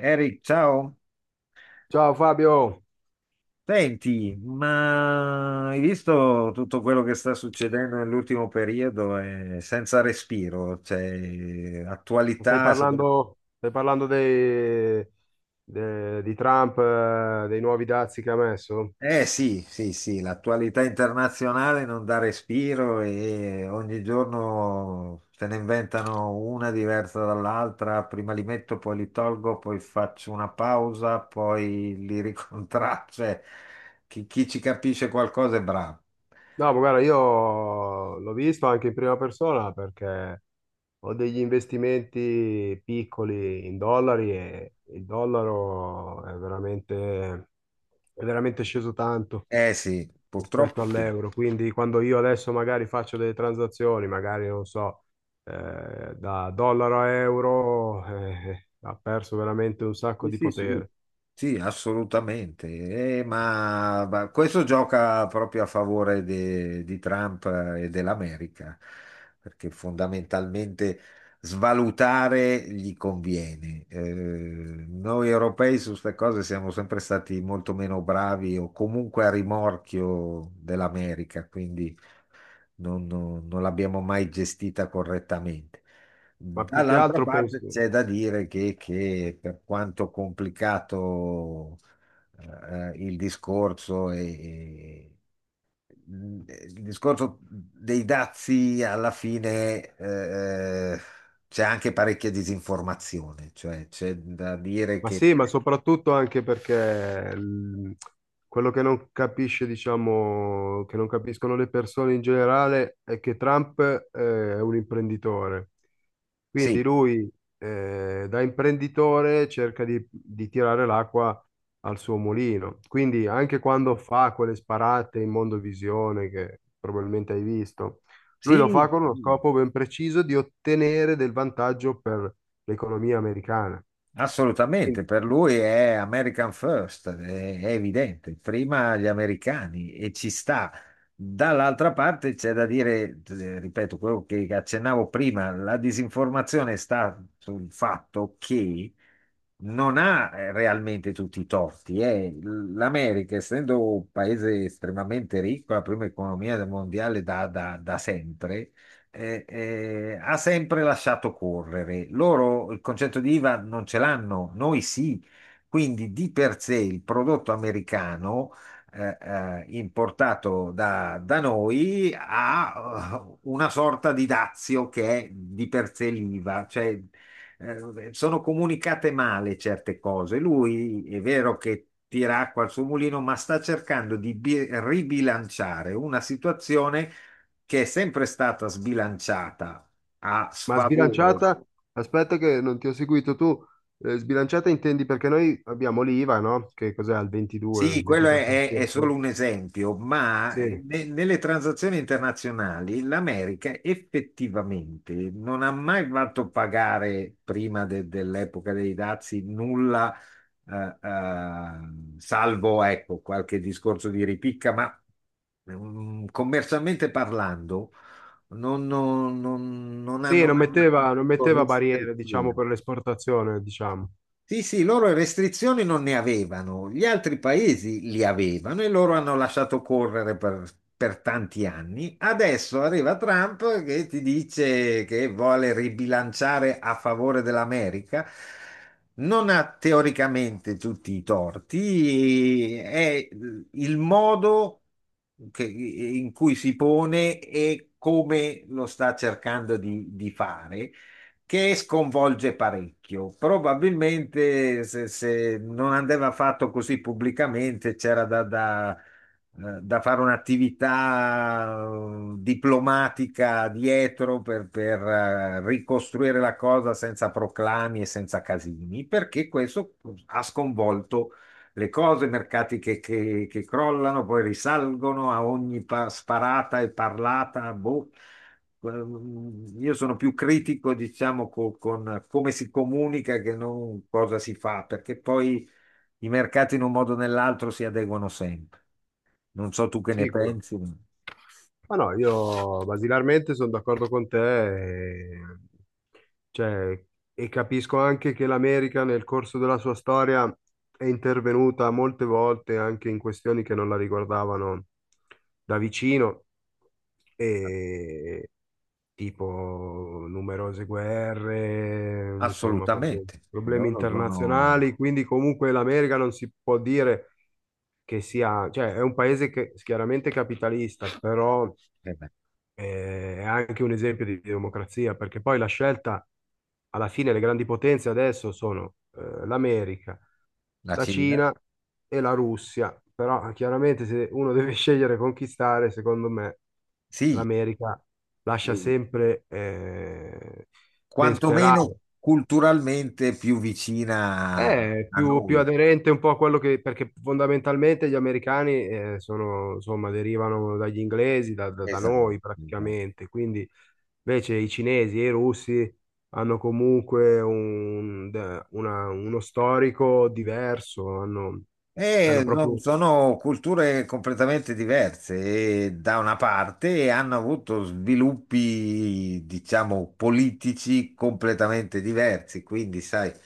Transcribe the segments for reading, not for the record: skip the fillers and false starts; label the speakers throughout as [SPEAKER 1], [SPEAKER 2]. [SPEAKER 1] Eric, ciao.
[SPEAKER 2] Ciao Fabio,
[SPEAKER 1] Senti, ma hai visto tutto quello che sta succedendo nell'ultimo periodo? È senza respiro, cioè attualità.
[SPEAKER 2] stai parlando dei- de- di Trump, dei nuovi dazi che ha messo?
[SPEAKER 1] Eh sì, sì, sì, l'attualità internazionale non dà respiro e ogni giorno se ne inventano una diversa dall'altra. Prima li metto, poi li tolgo, poi faccio una pausa, poi li ricontraccio. Cioè, chi ci capisce qualcosa è bravo.
[SPEAKER 2] No, ma guarda, io l'ho visto anche in prima persona perché ho degli investimenti piccoli in dollari e il dollaro è è veramente sceso tanto
[SPEAKER 1] Eh sì,
[SPEAKER 2] rispetto
[SPEAKER 1] purtroppo sì.
[SPEAKER 2] all'euro. Quindi quando io adesso magari faccio delle transazioni, magari non so, da dollaro a euro, ha perso veramente un sacco
[SPEAKER 1] Sì,
[SPEAKER 2] di
[SPEAKER 1] sì, sì.
[SPEAKER 2] potere.
[SPEAKER 1] Sì, assolutamente. Ma questo gioca proprio a favore di Trump e dell'America, perché fondamentalmente svalutare gli conviene. Noi europei su queste cose siamo sempre stati molto meno bravi o comunque a rimorchio dell'America, quindi non l'abbiamo mai gestita correttamente.
[SPEAKER 2] Ma più che
[SPEAKER 1] Dall'altra
[SPEAKER 2] altro
[SPEAKER 1] parte
[SPEAKER 2] penso.
[SPEAKER 1] c'è da dire che per quanto complicato il discorso, il discorso dei dazi alla fine, c'è anche parecchia disinformazione, cioè c'è da dire
[SPEAKER 2] Ma
[SPEAKER 1] che
[SPEAKER 2] sì, ma soprattutto anche perché quello che non capisce, diciamo, che non capiscono le persone in generale è che Trump è un imprenditore.
[SPEAKER 1] sì,
[SPEAKER 2] Quindi lui, da imprenditore, cerca di tirare l'acqua al suo mulino. Quindi anche quando fa quelle sparate in Mondovisione, che probabilmente hai visto, lui lo fa
[SPEAKER 1] sì.
[SPEAKER 2] con uno scopo ben preciso di ottenere del vantaggio per l'economia americana. Sì.
[SPEAKER 1] Assolutamente, per lui è American First, è evidente, prima gli americani e ci sta. Dall'altra parte c'è da dire, ripeto, quello che accennavo prima, la disinformazione sta sul fatto che non ha, realmente, tutti i torti. L'America, essendo un paese estremamente ricco, la prima economia del mondiale da, da sempre, ha sempre lasciato correre. Loro il concetto di IVA non ce l'hanno, noi sì. Quindi di per sé il prodotto americano, importato da, da noi, ha una sorta di dazio che è di per sé l'IVA. Cioè, sono comunicate male certe cose. Lui è vero che tira acqua al suo mulino, ma sta cercando di ribilanciare una situazione che è sempre stata sbilanciata a
[SPEAKER 2] Ma
[SPEAKER 1] sfavore.
[SPEAKER 2] sbilanciata, aspetta che non ti ho seguito tu, sbilanciata intendi perché noi abbiamo l'IVA, no? Che cos'è al
[SPEAKER 1] Sì, quello è, è solo
[SPEAKER 2] 22-23%?
[SPEAKER 1] un esempio, ma
[SPEAKER 2] Sì,
[SPEAKER 1] nelle transazioni internazionali l'America effettivamente non ha mai fatto pagare, prima dell'epoca dei dazi, nulla, salvo ecco qualche discorso di ripicca, ma commercialmente parlando non
[SPEAKER 2] sì,
[SPEAKER 1] hanno mai
[SPEAKER 2] non
[SPEAKER 1] avuto
[SPEAKER 2] metteva barriere, diciamo,
[SPEAKER 1] restrizioni.
[SPEAKER 2] per l'esportazione, diciamo.
[SPEAKER 1] Sì, sì, loro restrizioni non ne avevano, gli altri paesi li avevano e loro hanno lasciato correre per tanti anni. Adesso arriva Trump che ti dice che vuole ribilanciare a favore dell'America. Non ha teoricamente tutti i torti, è il modo in cui si pone e come lo sta cercando di fare che sconvolge parecchio. Probabilmente se, se non andava fatto così pubblicamente, c'era da, da, da fare un'attività diplomatica dietro per, ricostruire la cosa senza proclami e senza casini, perché questo ha sconvolto le cose, mercati che, che crollano, poi risalgono a ogni sparata e parlata. Boh. Io sono più critico, diciamo, con come si comunica che non cosa si fa, perché poi i mercati in un modo o nell'altro si adeguano sempre. Non so tu che ne
[SPEAKER 2] Sì, come no.
[SPEAKER 1] pensi, ma
[SPEAKER 2] Ma no, io basilarmente sono d'accordo con te cioè, e capisco anche che l'America nel corso della sua storia è intervenuta molte volte anche in questioni che non la riguardavano da vicino, tipo numerose guerre, insomma,
[SPEAKER 1] assolutamente.
[SPEAKER 2] problemi
[SPEAKER 1] Loro sono
[SPEAKER 2] internazionali, quindi comunque l'America non si può dire che sia, cioè è un paese che chiaramente è capitalista, però
[SPEAKER 1] eh beh,
[SPEAKER 2] è anche un esempio di democrazia, perché poi la scelta, alla fine le grandi potenze adesso sono l'America,
[SPEAKER 1] la
[SPEAKER 2] la
[SPEAKER 1] Cina,
[SPEAKER 2] Cina e la Russia, però chiaramente se uno deve scegliere e conquistare, secondo me
[SPEAKER 1] sì,
[SPEAKER 2] l'America lascia
[SPEAKER 1] eh,
[SPEAKER 2] sempre ben
[SPEAKER 1] quantomeno
[SPEAKER 2] sperare.
[SPEAKER 1] culturalmente più vicina a
[SPEAKER 2] È più
[SPEAKER 1] noi.
[SPEAKER 2] aderente un po' a quello che, perché fondamentalmente gli americani sono, insomma, derivano dagli inglesi, da
[SPEAKER 1] Esatto,
[SPEAKER 2] noi
[SPEAKER 1] esatto.
[SPEAKER 2] praticamente, quindi invece i cinesi e i russi hanno comunque uno storico diverso, hanno, hanno
[SPEAKER 1] E
[SPEAKER 2] proprio...
[SPEAKER 1] sono culture completamente diverse e da una parte hanno avuto sviluppi, diciamo, politici completamente diversi, quindi sai,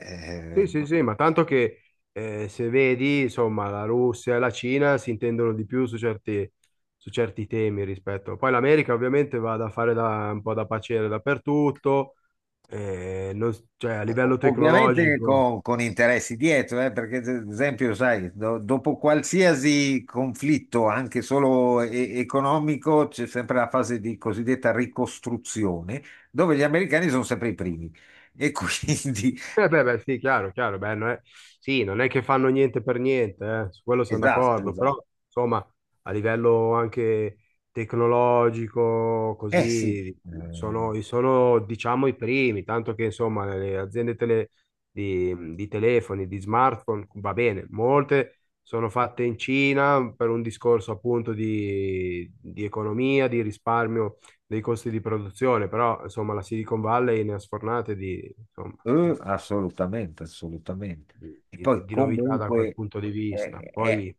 [SPEAKER 1] eh,
[SPEAKER 2] Sì, sì, sì, ma tanto che se vedi, insomma, la Russia e la Cina si intendono di più su su certi temi rispetto... Poi l'America ovviamente va da fare da, un po' da paciere dappertutto, eh, non- cioè a livello
[SPEAKER 1] Ovviamente
[SPEAKER 2] tecnologico...
[SPEAKER 1] con interessi dietro, perché ad esempio, sai, dopo qualsiasi conflitto, anche solo economico, c'è sempre la fase di cosiddetta ricostruzione, dove gli americani sono sempre i primi. E quindi,
[SPEAKER 2] Eh beh, beh, sì, chiaro, chiaro, beh, non è- sì, non è che fanno niente per niente, su quello siamo
[SPEAKER 1] esatto,
[SPEAKER 2] d'accordo,
[SPEAKER 1] esatto.
[SPEAKER 2] però insomma a livello anche tecnologico,
[SPEAKER 1] Eh sì,
[SPEAKER 2] così,
[SPEAKER 1] ehm,
[SPEAKER 2] sono diciamo i primi, tanto che insomma le aziende di telefoni, di smartphone, va bene, molte sono fatte in Cina per un discorso appunto di economia, di risparmio dei costi di produzione, però insomma la Silicon Valley ne ha sfornate di... insomma,
[SPEAKER 1] assolutamente, assolutamente. E poi
[SPEAKER 2] di novità da quel
[SPEAKER 1] comunque
[SPEAKER 2] punto di
[SPEAKER 1] eh,
[SPEAKER 2] vista.
[SPEAKER 1] è
[SPEAKER 2] Poi,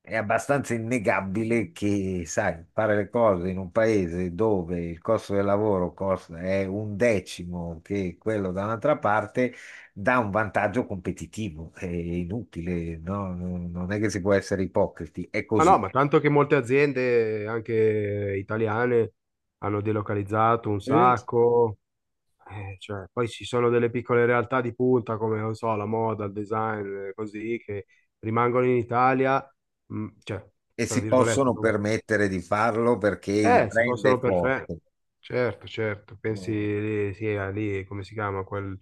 [SPEAKER 1] È abbastanza innegabile che, sai, fare le cose in un paese dove il costo del lavoro è un decimo che quello da un'altra parte dà un vantaggio competitivo. È inutile, no? Non non è che si può essere ipocriti, è
[SPEAKER 2] ma
[SPEAKER 1] così.
[SPEAKER 2] no, ma tanto che molte aziende, anche italiane, hanno delocalizzato un
[SPEAKER 1] Mm.
[SPEAKER 2] sacco, cioè, poi ci sono delle piccole realtà di punta come, non so, la moda, il design, così, che rimangono in Italia, cioè,
[SPEAKER 1] E
[SPEAKER 2] tra
[SPEAKER 1] si
[SPEAKER 2] virgolette,
[SPEAKER 1] possono
[SPEAKER 2] no?
[SPEAKER 1] permettere di farlo perché il
[SPEAKER 2] Eh sì,
[SPEAKER 1] brand è
[SPEAKER 2] possono perfetto,
[SPEAKER 1] forte.
[SPEAKER 2] certo, certo. Pensi
[SPEAKER 1] No,
[SPEAKER 2] lì, sì, a lì, come si chiama? Quel,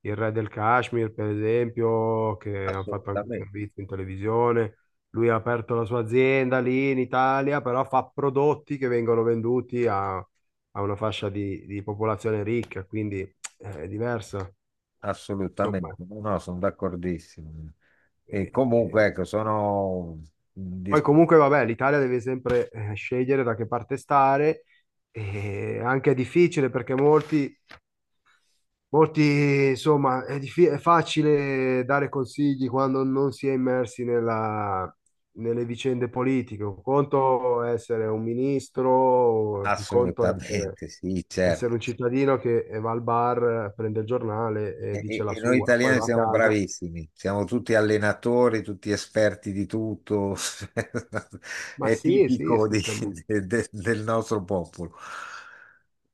[SPEAKER 2] il re del Kashmir, per esempio, che hanno fatto anche un
[SPEAKER 1] assolutamente,
[SPEAKER 2] servizio in televisione. Lui ha aperto la sua azienda lì in Italia, però fa prodotti che vengono venduti a, a una fascia di popolazione ricca, quindi è diversa.
[SPEAKER 1] assolutamente.
[SPEAKER 2] Insomma,
[SPEAKER 1] No, no, sono d'accordissimo. E
[SPEAKER 2] eh, eh,
[SPEAKER 1] comunque, ecco, sono
[SPEAKER 2] poi comunque vabbè, l'Italia deve sempre scegliere da che parte stare e anche è difficile perché molti insomma, è facile dare consigli quando non si è immersi nelle vicende politiche. Un conto è essere un ministro, un conto è
[SPEAKER 1] assolutamente, sì,
[SPEAKER 2] essere
[SPEAKER 1] certo.
[SPEAKER 2] un cittadino che va al bar, prende il giornale e dice la
[SPEAKER 1] E noi
[SPEAKER 2] sua, poi
[SPEAKER 1] italiani
[SPEAKER 2] va a
[SPEAKER 1] siamo
[SPEAKER 2] casa.
[SPEAKER 1] bravissimi, siamo tutti allenatori, tutti esperti di tutto,
[SPEAKER 2] Ma
[SPEAKER 1] è
[SPEAKER 2] sì, sì,
[SPEAKER 1] tipico
[SPEAKER 2] sì, siamo...
[SPEAKER 1] del nostro popolo.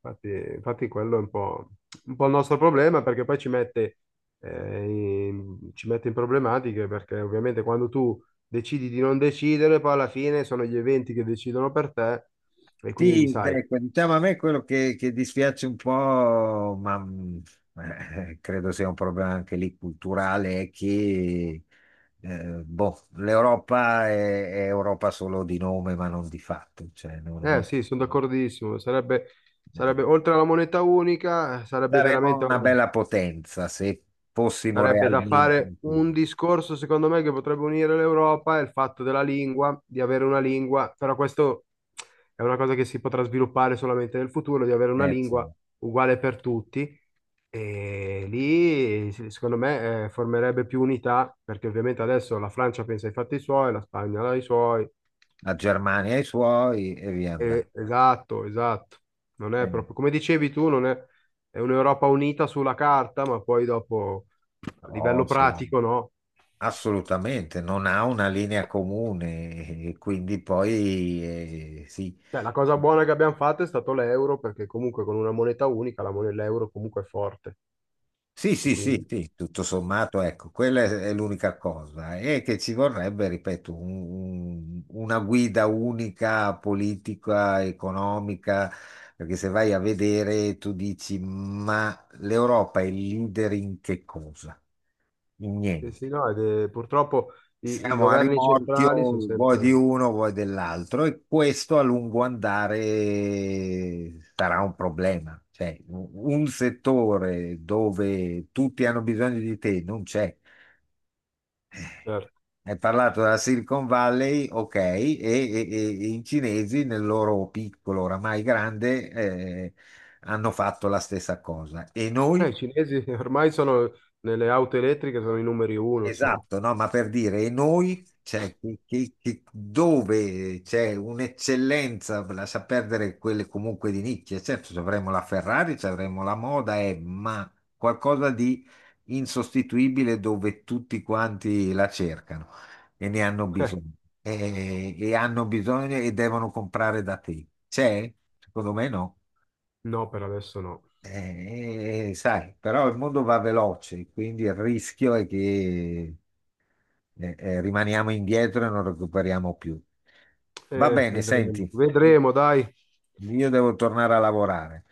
[SPEAKER 2] Infatti, infatti quello è un po' il nostro problema perché poi ci mette, eh, ci mette in problematiche perché ovviamente quando tu decidi di non decidere, poi alla fine sono gli eventi che decidono per te e quindi
[SPEAKER 1] Sì,
[SPEAKER 2] sai,
[SPEAKER 1] ecco, diciamo, a me quello che dispiace un po', ma credo sia un problema anche lì culturale, è che boh, l'Europa è Europa solo di nome, ma non di fatto. Cioè,
[SPEAKER 2] eh sì, sono d'accordissimo, sarebbe, sarebbe
[SPEAKER 1] non-
[SPEAKER 2] oltre alla moneta unica, sarebbe
[SPEAKER 1] daremo
[SPEAKER 2] veramente...
[SPEAKER 1] una bella potenza se fossimo
[SPEAKER 2] Sarebbe da
[SPEAKER 1] realmente in
[SPEAKER 2] fare un
[SPEAKER 1] Cina.
[SPEAKER 2] discorso, secondo me, che potrebbe unire l'Europa è il fatto della lingua, di avere una lingua, però questo è una cosa che si potrà sviluppare solamente nel futuro, di avere una lingua
[SPEAKER 1] Insomma,
[SPEAKER 2] uguale per tutti e lì, sì, secondo me, formerebbe più unità, perché ovviamente adesso la Francia pensa ai fatti suoi, la Spagna ai suoi.
[SPEAKER 1] la Germania ha i suoi e via andando.
[SPEAKER 2] E esatto, esatto. Non è
[SPEAKER 1] Eh,
[SPEAKER 2] proprio, come dicevi tu, non è, è un'Europa unita sulla carta, ma poi dopo a
[SPEAKER 1] no,
[SPEAKER 2] livello
[SPEAKER 1] sì,
[SPEAKER 2] pratico no.
[SPEAKER 1] assolutamente, non ha una linea comune e quindi poi sì.
[SPEAKER 2] Cioè, la cosa buona che abbiamo fatto è stato l'euro, perché comunque con una moneta unica la moneta l'euro comunque è forte.
[SPEAKER 1] Sì,
[SPEAKER 2] E
[SPEAKER 1] sì, sì,
[SPEAKER 2] quindi,
[SPEAKER 1] sì, tutto sommato, ecco, quella è l'unica cosa. E che ci vorrebbe, ripeto, una guida unica politica, economica, perché se vai a vedere tu dici, ma l'Europa è leader in che cosa? In
[SPEAKER 2] sì, sì,
[SPEAKER 1] niente.
[SPEAKER 2] no, purtroppo i
[SPEAKER 1] Siamo a
[SPEAKER 2] governi
[SPEAKER 1] rimorchio,
[SPEAKER 2] centrali sono
[SPEAKER 1] vuoi di
[SPEAKER 2] sempre...
[SPEAKER 1] uno, vuoi dell'altro, e questo a lungo andare sarà un problema. Cioè, un settore dove tutti hanno bisogno di te non c'è.
[SPEAKER 2] Certo.
[SPEAKER 1] Hai parlato della Silicon Valley, ok, e, e i cinesi nel loro piccolo, oramai grande, hanno fatto la stessa cosa. E
[SPEAKER 2] Beh,
[SPEAKER 1] noi?
[SPEAKER 2] i cinesi ormai sono nelle auto elettriche, sono i numeri uno, insomma.
[SPEAKER 1] Esatto, no, ma per dire, e noi, cioè, che, dove c'è un'eccellenza, lascia perdere quelle comunque di nicchia, certo, ci avremo la Ferrari, ci avremo la moda, ma qualcosa di insostituibile dove tutti quanti la cercano e ne hanno
[SPEAKER 2] Eh,
[SPEAKER 1] bisogno, e hanno bisogno e devono comprare da te. C'è? Secondo me no.
[SPEAKER 2] no, per adesso no.
[SPEAKER 1] Sai, però il mondo va veloce, quindi il rischio è che rimaniamo indietro e non recuperiamo più. Va bene,
[SPEAKER 2] Vedremo,
[SPEAKER 1] senti,
[SPEAKER 2] vedremo, dai.
[SPEAKER 1] io devo tornare a lavorare.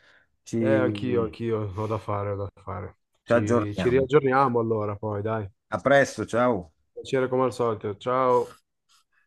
[SPEAKER 2] Anch'io,
[SPEAKER 1] Ci,
[SPEAKER 2] anch'io, ho da fare, ho da fare.
[SPEAKER 1] ci
[SPEAKER 2] Ci
[SPEAKER 1] aggiorniamo.
[SPEAKER 2] riaggiorniamo allora, poi, dai.
[SPEAKER 1] A presto, ciao.
[SPEAKER 2] Piacere come al solito. Ciao.